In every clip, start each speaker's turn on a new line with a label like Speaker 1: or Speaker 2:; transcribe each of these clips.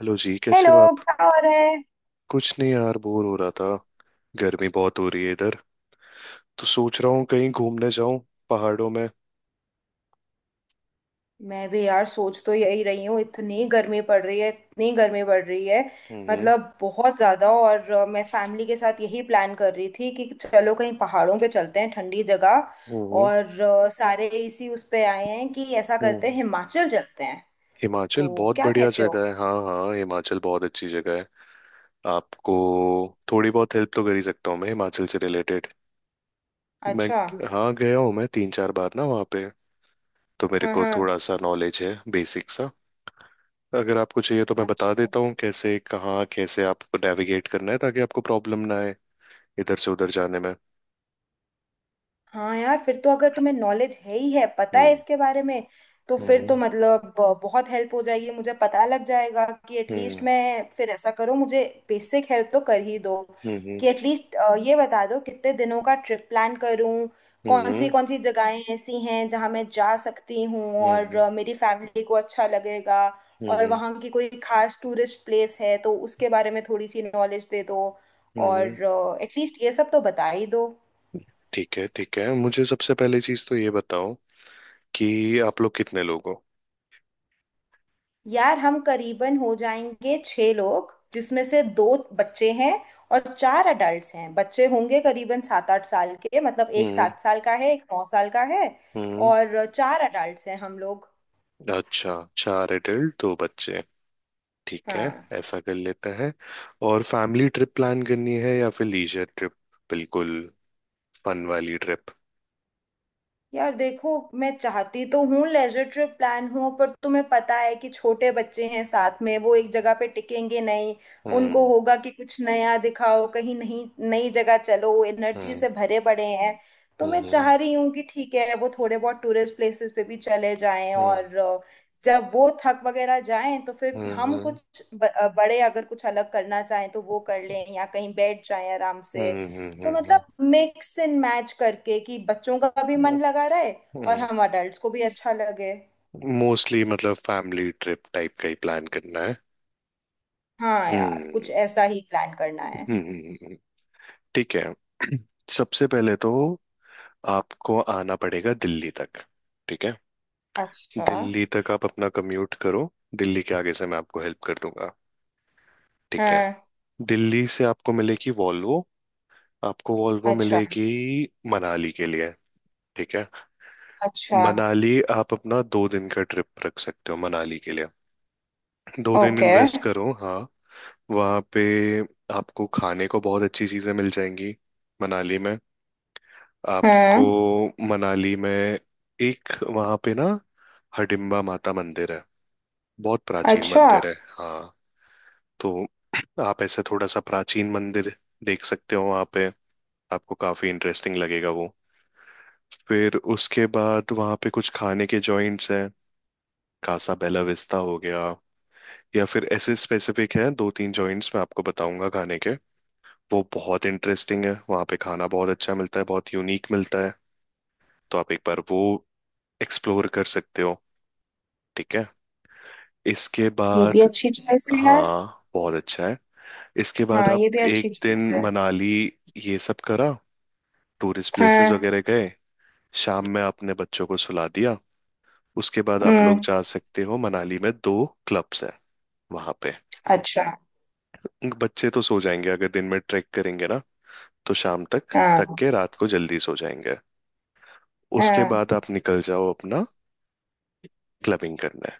Speaker 1: Hello जी, कैसे
Speaker 2: hello.
Speaker 1: हो आप।
Speaker 2: क्या हो रहा है?
Speaker 1: कुछ नहीं यार, बोर हो रहा था। गर्मी बहुत हो रही है इधर, तो सोच रहा हूँ कहीं घूमने जाऊं पहाड़ों में।
Speaker 2: मैं भी यार सोच तो यही रही हूँ, इतनी गर्मी पड़ रही है, इतनी गर्मी पड़ रही है,
Speaker 1: हम्म।
Speaker 2: मतलब बहुत ज्यादा। और मैं फैमिली के साथ यही प्लान कर रही थी कि चलो कहीं पहाड़ों पे चलते हैं, ठंडी जगह।
Speaker 1: हम्म।
Speaker 2: और सारे इसी उस पे आए हैं कि ऐसा करते हैं,
Speaker 1: हम्म।
Speaker 2: हिमाचल चलते हैं।
Speaker 1: हिमाचल
Speaker 2: तो
Speaker 1: बहुत
Speaker 2: क्या
Speaker 1: बढ़िया
Speaker 2: कहते हो?
Speaker 1: जगह है। हाँ हाँ, हिमाचल बहुत अच्छी जगह है। आपको थोड़ी बहुत हेल्प तो कर ही सकता हूँ मैं हिमाचल से रिलेटेड। मैं
Speaker 2: अच्छा।
Speaker 1: हाँ, गया हूँ मैं 3-4 बार ना वहाँ पे। तो मेरे
Speaker 2: हाँ
Speaker 1: को
Speaker 2: हाँ।
Speaker 1: थोड़ा सा नॉलेज है, बेसिक सा। अगर आपको चाहिए तो मैं बता
Speaker 2: अच्छा।
Speaker 1: देता हूँ कैसे कहाँ कैसे आपको नेविगेट करना है ताकि आपको प्रॉब्लम ना आए इधर से उधर जाने में।
Speaker 2: हाँ यार, फिर तो अगर तुम्हें नॉलेज है ही है, पता है
Speaker 1: हम्म।
Speaker 2: इसके बारे में, तो फिर
Speaker 1: हम्म।
Speaker 2: तो मतलब बहुत हेल्प हो जाएगी। मुझे पता लग जाएगा कि एटलीस्ट
Speaker 1: हम्म।
Speaker 2: मैं फिर ऐसा करो मुझे। बेसिक हेल्प तो कर ही दो,
Speaker 1: हम्म।
Speaker 2: कि एटलीस्ट ये बता दो कितने दिनों का ट्रिप प्लान करूं,
Speaker 1: हम्म।
Speaker 2: कौन सी जगहें ऐसी हैं जहां मैं जा सकती हूँ और
Speaker 1: हम्म।
Speaker 2: मेरी फैमिली को अच्छा लगेगा। और
Speaker 1: हम्म।
Speaker 2: वहाँ की कोई खास टूरिस्ट प्लेस है तो उसके बारे में थोड़ी सी नॉलेज दे दो।
Speaker 1: हम्म।
Speaker 2: और एटलीस्ट ये सब तो बता ही दो।
Speaker 1: ठीक है, ठीक है, मुझे सबसे पहली चीज तो ये बताओ कि आप लोग कितने लोग हो।
Speaker 2: यार, हम करीबन हो जाएंगे छह लोग, जिसमें से दो बच्चे हैं और चार अडल्ट हैं। बच्चे होंगे करीबन 7 8 साल के, मतलब एक
Speaker 1: हम्म।
Speaker 2: 7 साल का है, एक 9 साल का है।
Speaker 1: हम्म।
Speaker 2: और चार अडल्ट हैं हम लोग।
Speaker 1: अच्छा, चार एडल्ट दो बच्चे। ठीक है,
Speaker 2: हाँ।
Speaker 1: ऐसा कर लेते हैं। और फैमिली ट्रिप प्लान करनी है या फिर लीजर ट्रिप? बिल्कुल, फन वाली ट्रिप।
Speaker 2: यार देखो, मैं चाहती तो हूँ लेजर ट्रिप प्लान हो, पर तुम्हें पता है कि छोटे बच्चे हैं साथ में, वो एक जगह पे टिकेंगे नहीं। उनको
Speaker 1: हम्म।
Speaker 2: होगा कि कुछ नया दिखाओ, कहीं नहीं, नई जगह चलो, एनर्जी
Speaker 1: हम्म।
Speaker 2: से भरे पड़े हैं। तो मैं
Speaker 1: हम्म।
Speaker 2: चाह रही हूँ कि ठीक है वो थोड़े बहुत टूरिस्ट प्लेसेस पे भी चले जाएं
Speaker 1: हम्म।
Speaker 2: और जब वो थक वगैरह जाएं तो फिर
Speaker 1: हम्म।
Speaker 2: हम
Speaker 1: हम्म।
Speaker 2: कुछ बड़े अगर कुछ अलग करना चाहें तो वो कर लें, या कहीं बैठ जाएं आराम से।
Speaker 1: हम्म। हम्म।
Speaker 2: तो
Speaker 1: हम्म।
Speaker 2: मतलब मिक्स एंड मैच करके, कि बच्चों का भी
Speaker 1: हम्म।
Speaker 2: मन लगा रहे और
Speaker 1: हम्म।
Speaker 2: हम अडल्ट्स को भी अच्छा लगे।
Speaker 1: मोस्टली मतलब फैमिली ट्रिप टाइप का ही प्लान करना है।
Speaker 2: हाँ यार, कुछ
Speaker 1: हम्म।
Speaker 2: ऐसा ही प्लान करना है।
Speaker 1: हम्म। हम्म। हम्म। ठीक है। सबसे पहले तो आपको आना पड़ेगा दिल्ली तक। ठीक है।
Speaker 2: अच्छा।
Speaker 1: दिल्ली तक आप अपना कम्यूट करो। दिल्ली के आगे से मैं आपको हेल्प कर दूंगा। ठीक है।
Speaker 2: हाँ।
Speaker 1: दिल्ली से आपको मिलेगी वॉल्वो। आपको वॉल्वो
Speaker 2: अच्छा।
Speaker 1: मिलेगी मनाली के लिए। ठीक है।
Speaker 2: अच्छा।
Speaker 1: मनाली आप अपना 2 दिन का ट्रिप रख सकते हो मनाली के लिए। दो दिन
Speaker 2: ओके।
Speaker 1: इन्वेस्ट करो हाँ। वहाँ पे आपको खाने को बहुत अच्छी चीज़ें मिल जाएंगी मनाली में। आपको
Speaker 2: हाँ।
Speaker 1: मनाली में एक वहाँ पे ना हडिम्बा माता मंदिर है, बहुत प्राचीन
Speaker 2: अच्छा।
Speaker 1: मंदिर है हाँ। तो आप ऐसे थोड़ा सा प्राचीन मंदिर देख सकते हो वहाँ पे। आपको काफ़ी इंटरेस्टिंग लगेगा वो। फिर उसके बाद वहाँ पे कुछ खाने के जॉइंट्स हैं। कासा बेला विस्ता हो गया, या फिर ऐसे स्पेसिफिक हैं दो तीन जॉइंट्स, मैं आपको बताऊंगा खाने के। वो बहुत इंटरेस्टिंग है, वहाँ पे खाना बहुत अच्छा मिलता है, बहुत यूनिक मिलता है। तो आप एक बार वो एक्सप्लोर कर सकते हो। ठीक है। इसके
Speaker 2: ये भी
Speaker 1: बाद
Speaker 2: अच्छी चॉइस है यार।
Speaker 1: हाँ, बहुत अच्छा है। इसके बाद
Speaker 2: हाँ,
Speaker 1: आप
Speaker 2: ये भी अच्छी
Speaker 1: एक दिन
Speaker 2: चॉइस है।
Speaker 1: मनाली ये सब करा, टूरिस्ट प्लेसेस
Speaker 2: हाँ।
Speaker 1: वगैरह गए, शाम में आपने बच्चों को सुला दिया। उसके बाद आप लोग
Speaker 2: हम्म।
Speaker 1: जा सकते हो, मनाली में दो क्लब्स हैं वहाँ पे।
Speaker 2: अच्छा।
Speaker 1: बच्चे तो सो जाएंगे अगर दिन में ट्रैक करेंगे ना, तो शाम तक
Speaker 2: हाँ
Speaker 1: थक के रात को जल्दी सो जाएंगे। उसके
Speaker 2: हाँ।
Speaker 1: बाद आप निकल जाओ अपना, क्लबिंग करना है।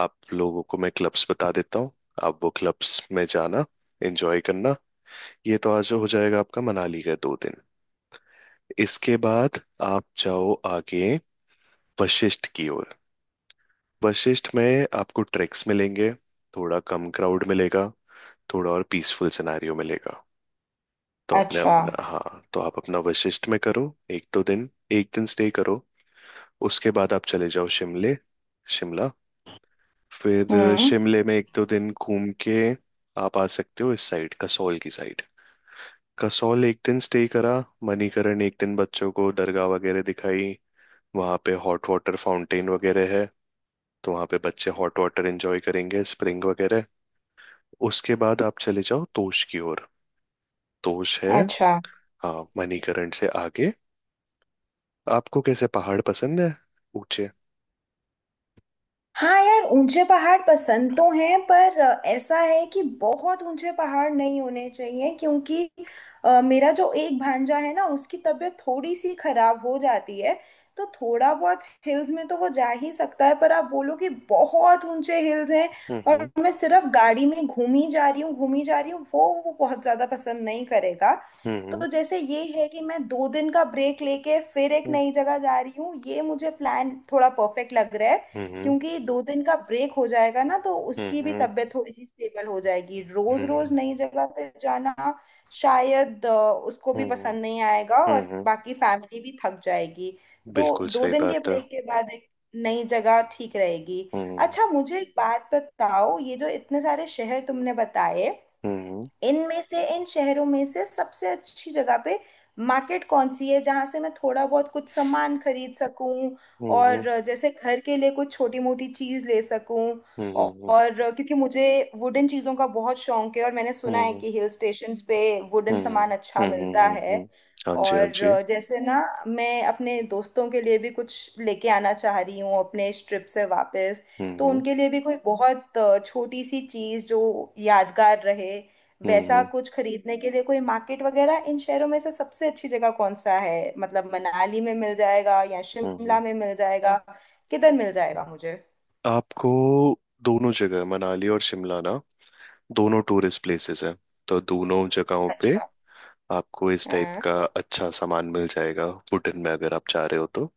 Speaker 1: आप लोगों को मैं क्लब्स बता देता हूँ। आप वो क्लब्स में जाना, एंजॉय करना। ये तो आज हो जाएगा आपका मनाली का 2 दिन। इसके बाद आप जाओ आगे वशिष्ठ की ओर। वशिष्ठ में आपको ट्रैक्स मिलेंगे, थोड़ा कम क्राउड मिलेगा, थोड़ा और पीसफुल सिनेरियो मिलेगा। तो आपने
Speaker 2: अच्छा।
Speaker 1: अपना हाँ, तो आप अपना वशिष्ठ में करो एक दिन स्टे करो। उसके बाद आप चले जाओ शिमले, शिमला। फिर
Speaker 2: हम्म।
Speaker 1: शिमले में 1-2 दिन घूम के आप आ सकते हो इस साइड, कसौल की साइड। कसौल एक दिन स्टे करा, मणिकरण एक दिन बच्चों को दरगाह वगैरह दिखाई। वहाँ पे हॉट वाटर फाउंटेन वगैरह है, तो वहाँ पे बच्चे हॉट वाटर एंजॉय करेंगे, स्प्रिंग वगैरह। उसके बाद आप चले जाओ तोश की ओर। तोश है
Speaker 2: अच्छा।
Speaker 1: हाँ, मणिकरण से आगे। आपको कैसे पहाड़ पसंद है, ऊंचे?
Speaker 2: हाँ यार, ऊंचे पहाड़ पसंद तो हैं, पर ऐसा है कि बहुत ऊंचे पहाड़ नहीं होने चाहिए, क्योंकि मेरा जो एक भांजा है ना, उसकी तबीयत थोड़ी सी खराब हो जाती है। तो थोड़ा बहुत हिल्स में तो वो जा ही सकता है, पर आप बोलो कि बहुत ऊंचे हिल्स हैं और
Speaker 1: हम्म।
Speaker 2: मैं सिर्फ गाड़ी में घूमी जा रही हूँ, घूमी जा रही हूँ, वो बहुत ज्यादा पसंद नहीं करेगा।
Speaker 1: हम्म। हम्म।
Speaker 2: तो जैसे ये है कि मैं 2 दिन का ब्रेक लेके फिर एक नई जगह जा रही हूँ, ये मुझे प्लान थोड़ा परफेक्ट लग रहा है।
Speaker 1: हम्म। हम्म।
Speaker 2: क्योंकि 2 दिन का ब्रेक हो जाएगा ना, तो उसकी
Speaker 1: हम्म।
Speaker 2: भी
Speaker 1: हम्म।
Speaker 2: तबीयत थोड़ी सी स्टेबल हो जाएगी। रोज रोज
Speaker 1: हम्म।
Speaker 2: नई जगह पे जाना शायद उसको भी
Speaker 1: हम्म। हम्म।
Speaker 2: पसंद नहीं आएगा और
Speaker 1: हम्म।
Speaker 2: बाकी फैमिली भी थक जाएगी। तो
Speaker 1: बिल्कुल
Speaker 2: दो
Speaker 1: सही
Speaker 2: दिन के
Speaker 1: बात है।
Speaker 2: ब्रेक के बाद एक नई जगह ठीक रहेगी।
Speaker 1: Hı।
Speaker 2: अच्छा मुझे एक बात बताओ, ये जो इतने सारे शहर तुमने बताए,
Speaker 1: Hı। Hı।
Speaker 2: इनमें से इन शहरों में से सबसे अच्छी जगह पे मार्केट कौन सी है, जहां से मैं थोड़ा बहुत कुछ सामान खरीद सकूं और
Speaker 1: Hı।
Speaker 2: जैसे घर के लिए कुछ छोटी मोटी चीज ले सकूं।
Speaker 1: Hı।
Speaker 2: औ-
Speaker 1: Hı।
Speaker 2: और क्योंकि मुझे वुडन चीजों का बहुत शौक है और मैंने
Speaker 1: Hı।
Speaker 2: सुना है
Speaker 1: Hı।
Speaker 2: कि हिल स्टेशंस पे
Speaker 1: Hı।
Speaker 2: वुडन सामान
Speaker 1: Hı। Hı।
Speaker 2: अच्छा मिलता है।
Speaker 1: Hı। हाँ जी, हाँ जी।
Speaker 2: और जैसे ना, मैं अपने दोस्तों के लिए भी कुछ लेके आना चाह रही हूँ अपने इस ट्रिप से वापस। तो
Speaker 1: हम्म।
Speaker 2: उनके लिए भी कोई बहुत छोटी सी चीज जो यादगार रहे, वैसा
Speaker 1: हम्म।
Speaker 2: कुछ खरीदने के लिए कोई मार्केट वगैरह, इन शहरों में से सबसे अच्छी जगह कौन सा है? मतलब मनाली में मिल जाएगा या
Speaker 1: हम्म।
Speaker 2: शिमला में मिल जाएगा, किधर मिल जाएगा मुझे?
Speaker 1: आपको दोनों जगह, मनाली और शिमला ना, दोनों टूरिस्ट प्लेसेस हैं, तो दोनों जगहों पे
Speaker 2: अच्छा।
Speaker 1: आपको इस टाइप
Speaker 2: हाँ।
Speaker 1: का अच्छा सामान मिल जाएगा, वुडन में अगर आप चाह रहे हो तो।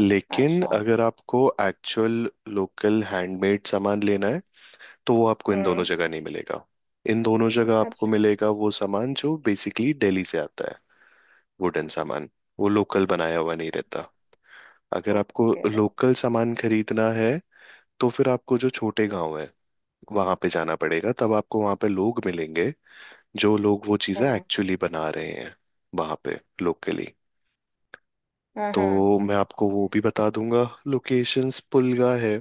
Speaker 1: लेकिन
Speaker 2: अच्छा।
Speaker 1: अगर आपको एक्चुअल लोकल हैंडमेड सामान लेना है, तो वो आपको इन दोनों
Speaker 2: हम्म।
Speaker 1: जगह नहीं मिलेगा। इन दोनों जगह आपको
Speaker 2: अच्छा।
Speaker 1: मिलेगा वो सामान जो बेसिकली दिल्ली से आता है, वुडन सामान। वो लोकल बनाया हुआ नहीं रहता। अगर आपको
Speaker 2: ओके।
Speaker 1: लोकल सामान खरीदना है, तो फिर आपको जो छोटे गांव है वहां पे जाना पड़ेगा। तब आपको वहां पे लोग मिलेंगे जो लोग वो चीजें
Speaker 2: हाँ
Speaker 1: एक्चुअली बना रहे हैं वहां पे लोकली।
Speaker 2: हाँ। हाँ
Speaker 1: तो मैं आपको वो भी बता दूंगा लोकेशंस, पुलगा है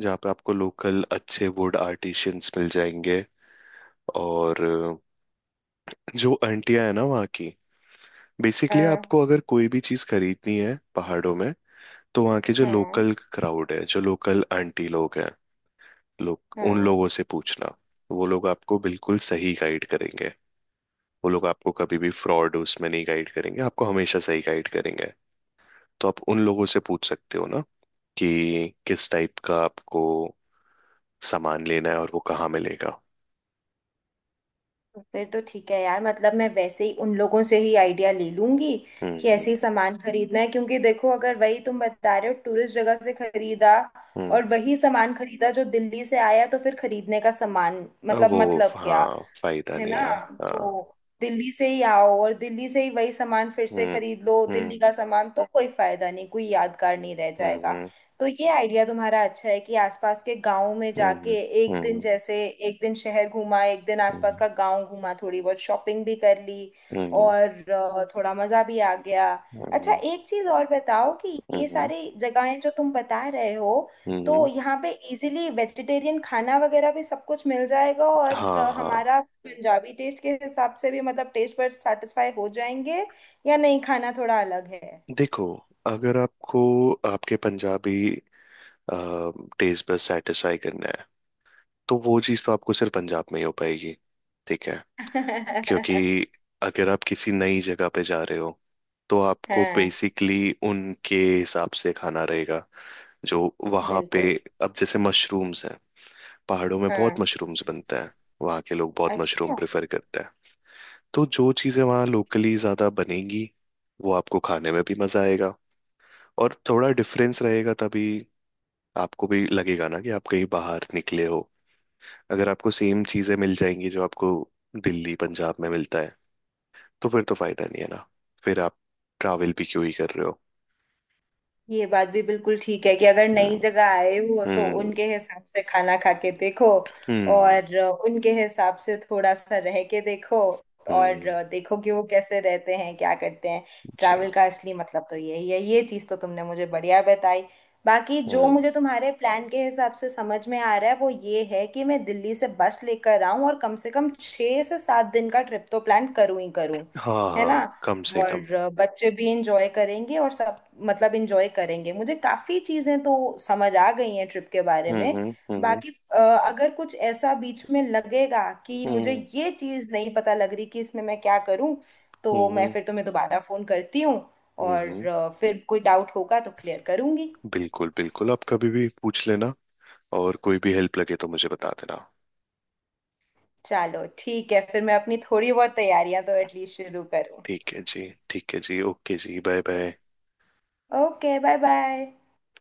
Speaker 1: जहाँ पे आपको लोकल अच्छे वुड आर्टिशियंस मिल जाएंगे। और जो आंटियां है ना वहाँ की, बेसिकली
Speaker 2: हाँ।
Speaker 1: आपको अगर कोई भी चीज खरीदनी है पहाड़ों में, तो वहाँ के जो
Speaker 2: हाँ
Speaker 1: लोकल क्राउड है, जो लोकल आंटी लोग हैं, लोग उन
Speaker 2: हाँ।
Speaker 1: लोगों से पूछना। वो लोग आपको बिल्कुल सही गाइड करेंगे। वो लोग आपको कभी भी फ्रॉड उसमें नहीं गाइड करेंगे, आपको हमेशा सही गाइड करेंगे। तो आप उन लोगों से पूछ सकते हो ना, कि किस टाइप का आपको सामान लेना है और वो कहाँ मिलेगा।
Speaker 2: फिर तो ठीक है यार, मतलब मैं वैसे ही उन लोगों से ही आइडिया ले लूंगी कि
Speaker 1: हम्म।
Speaker 2: ऐसे ही सामान खरीदना है। क्योंकि देखो, अगर वही तुम बता रहे हो टूरिस्ट जगह से खरीदा
Speaker 1: हम्म।
Speaker 2: और वही सामान खरीदा जो दिल्ली से आया, तो फिर खरीदने का सामान मतलब
Speaker 1: वो
Speaker 2: मतलब क्या?
Speaker 1: हाँ, फायदा
Speaker 2: है
Speaker 1: नहीं
Speaker 2: ना?
Speaker 1: है। हाँ।
Speaker 2: तो दिल्ली से ही आओ और दिल्ली से ही वही सामान फिर से
Speaker 1: हम्म।
Speaker 2: खरीद लो,
Speaker 1: हम्म।
Speaker 2: दिल्ली का सामान, तो कोई फायदा नहीं, कोई यादगार नहीं रह जाएगा।
Speaker 1: हम्म।
Speaker 2: तो ये आइडिया तुम्हारा अच्छा है कि आसपास के गांव में जाके
Speaker 1: हम्म।
Speaker 2: एक दिन,
Speaker 1: हम्म।
Speaker 2: जैसे एक दिन शहर घूमा, एक दिन आसपास
Speaker 1: हम्म।
Speaker 2: का गांव घूमा, थोड़ी बहुत शॉपिंग भी कर ली
Speaker 1: हम्म।
Speaker 2: और थोड़ा मजा भी आ गया। अच्छा
Speaker 1: हम्म।
Speaker 2: एक चीज और बताओ कि
Speaker 1: हम्म।
Speaker 2: ये
Speaker 1: हम्म।
Speaker 2: सारी जगहें जो तुम बता रहे हो, तो
Speaker 1: हम्म।
Speaker 2: यहाँ पे इजीली वेजिटेरियन खाना वगैरह भी सब कुछ मिल जाएगा? और
Speaker 1: हाँ हाँ।
Speaker 2: हमारा पंजाबी टेस्ट के हिसाब से भी, मतलब टेस्ट बड्स सेटिस्फाई हो जाएंगे या नहीं, खाना थोड़ा अलग है?
Speaker 1: देखो, अगर आपको आपके पंजाबी टेस्ट पर सेटिस्फाई करना है, तो वो चीज़ तो आपको सिर्फ पंजाब में ही हो पाएगी। ठीक है। क्योंकि अगर आप किसी नई जगह पे जा रहे हो, तो आपको
Speaker 2: हाँ
Speaker 1: बेसिकली उनके हिसाब से खाना रहेगा जो वहाँ पे।
Speaker 2: बिल्कुल।
Speaker 1: अब जैसे मशरूम्स हैं, पहाड़ों में बहुत
Speaker 2: हाँ।
Speaker 1: मशरूम्स बनते हैं, वहाँ के लोग बहुत मशरूम
Speaker 2: अच्छा,
Speaker 1: प्रेफर करते हैं। तो जो चीज़ें वहाँ लोकली ज़्यादा बनेगी, वो आपको खाने में भी मज़ा आएगा, और थोड़ा डिफरेंस रहेगा, तभी आपको भी लगेगा ना कि आप कहीं बाहर निकले हो। अगर आपको सेम चीजें मिल जाएंगी जो आपको दिल्ली पंजाब में मिलता है, तो फिर तो फायदा नहीं है ना, फिर आप ट्रैवल भी क्यों ही कर रहे हो।
Speaker 2: ये बात भी बिल्कुल ठीक है कि अगर नई
Speaker 1: हम्म।
Speaker 2: जगह आए हो तो
Speaker 1: हम्म।
Speaker 2: उनके हिसाब से खाना खा के देखो
Speaker 1: हम्म।
Speaker 2: और उनके हिसाब से थोड़ा सा रह के देखो,
Speaker 1: हम्म।
Speaker 2: और देखो कि वो कैसे रहते हैं, क्या करते हैं।
Speaker 1: जी।
Speaker 2: ट्रैवल का असली मतलब तो यही है। ये चीज़ तो तुमने मुझे बढ़िया बताई। बाकी जो
Speaker 1: हम्म।
Speaker 2: मुझे तुम्हारे प्लान के हिसाब से समझ में आ रहा है वो ये है कि मैं दिल्ली से बस लेकर आऊं और कम से कम 6 से 7 दिन का ट्रिप तो प्लान करूं ही करूं,
Speaker 1: हाँ
Speaker 2: है ना?
Speaker 1: हाँ, कम से कम।
Speaker 2: और बच्चे भी इंजॉय करेंगे और सब, मतलब इंजॉय करेंगे। मुझे काफी चीजें तो समझ आ गई हैं ट्रिप के बारे
Speaker 1: हम्म।
Speaker 2: में।
Speaker 1: हम्म। हम्म।
Speaker 2: बाकी अगर कुछ ऐसा बीच में लगेगा कि मुझे
Speaker 1: हम्म।
Speaker 2: ये चीज नहीं पता लग रही कि इसमें मैं क्या करूं, तो मैं
Speaker 1: हम्म।
Speaker 2: फिर तुम्हें दोबारा फोन करती हूँ
Speaker 1: हम्म।
Speaker 2: और फिर कोई डाउट होगा तो क्लियर करूंगी।
Speaker 1: बिल्कुल, बिल्कुल, आप कभी भी पूछ लेना। और कोई भी हेल्प लगे तो मुझे बता देना।
Speaker 2: चलो ठीक है, फिर मैं अपनी थोड़ी बहुत तैयारियां तो एटलीस्ट शुरू करूँ।
Speaker 1: ठीक है जी, ठीक है जी, ओके जी, bye bye.
Speaker 2: Okay bye bye.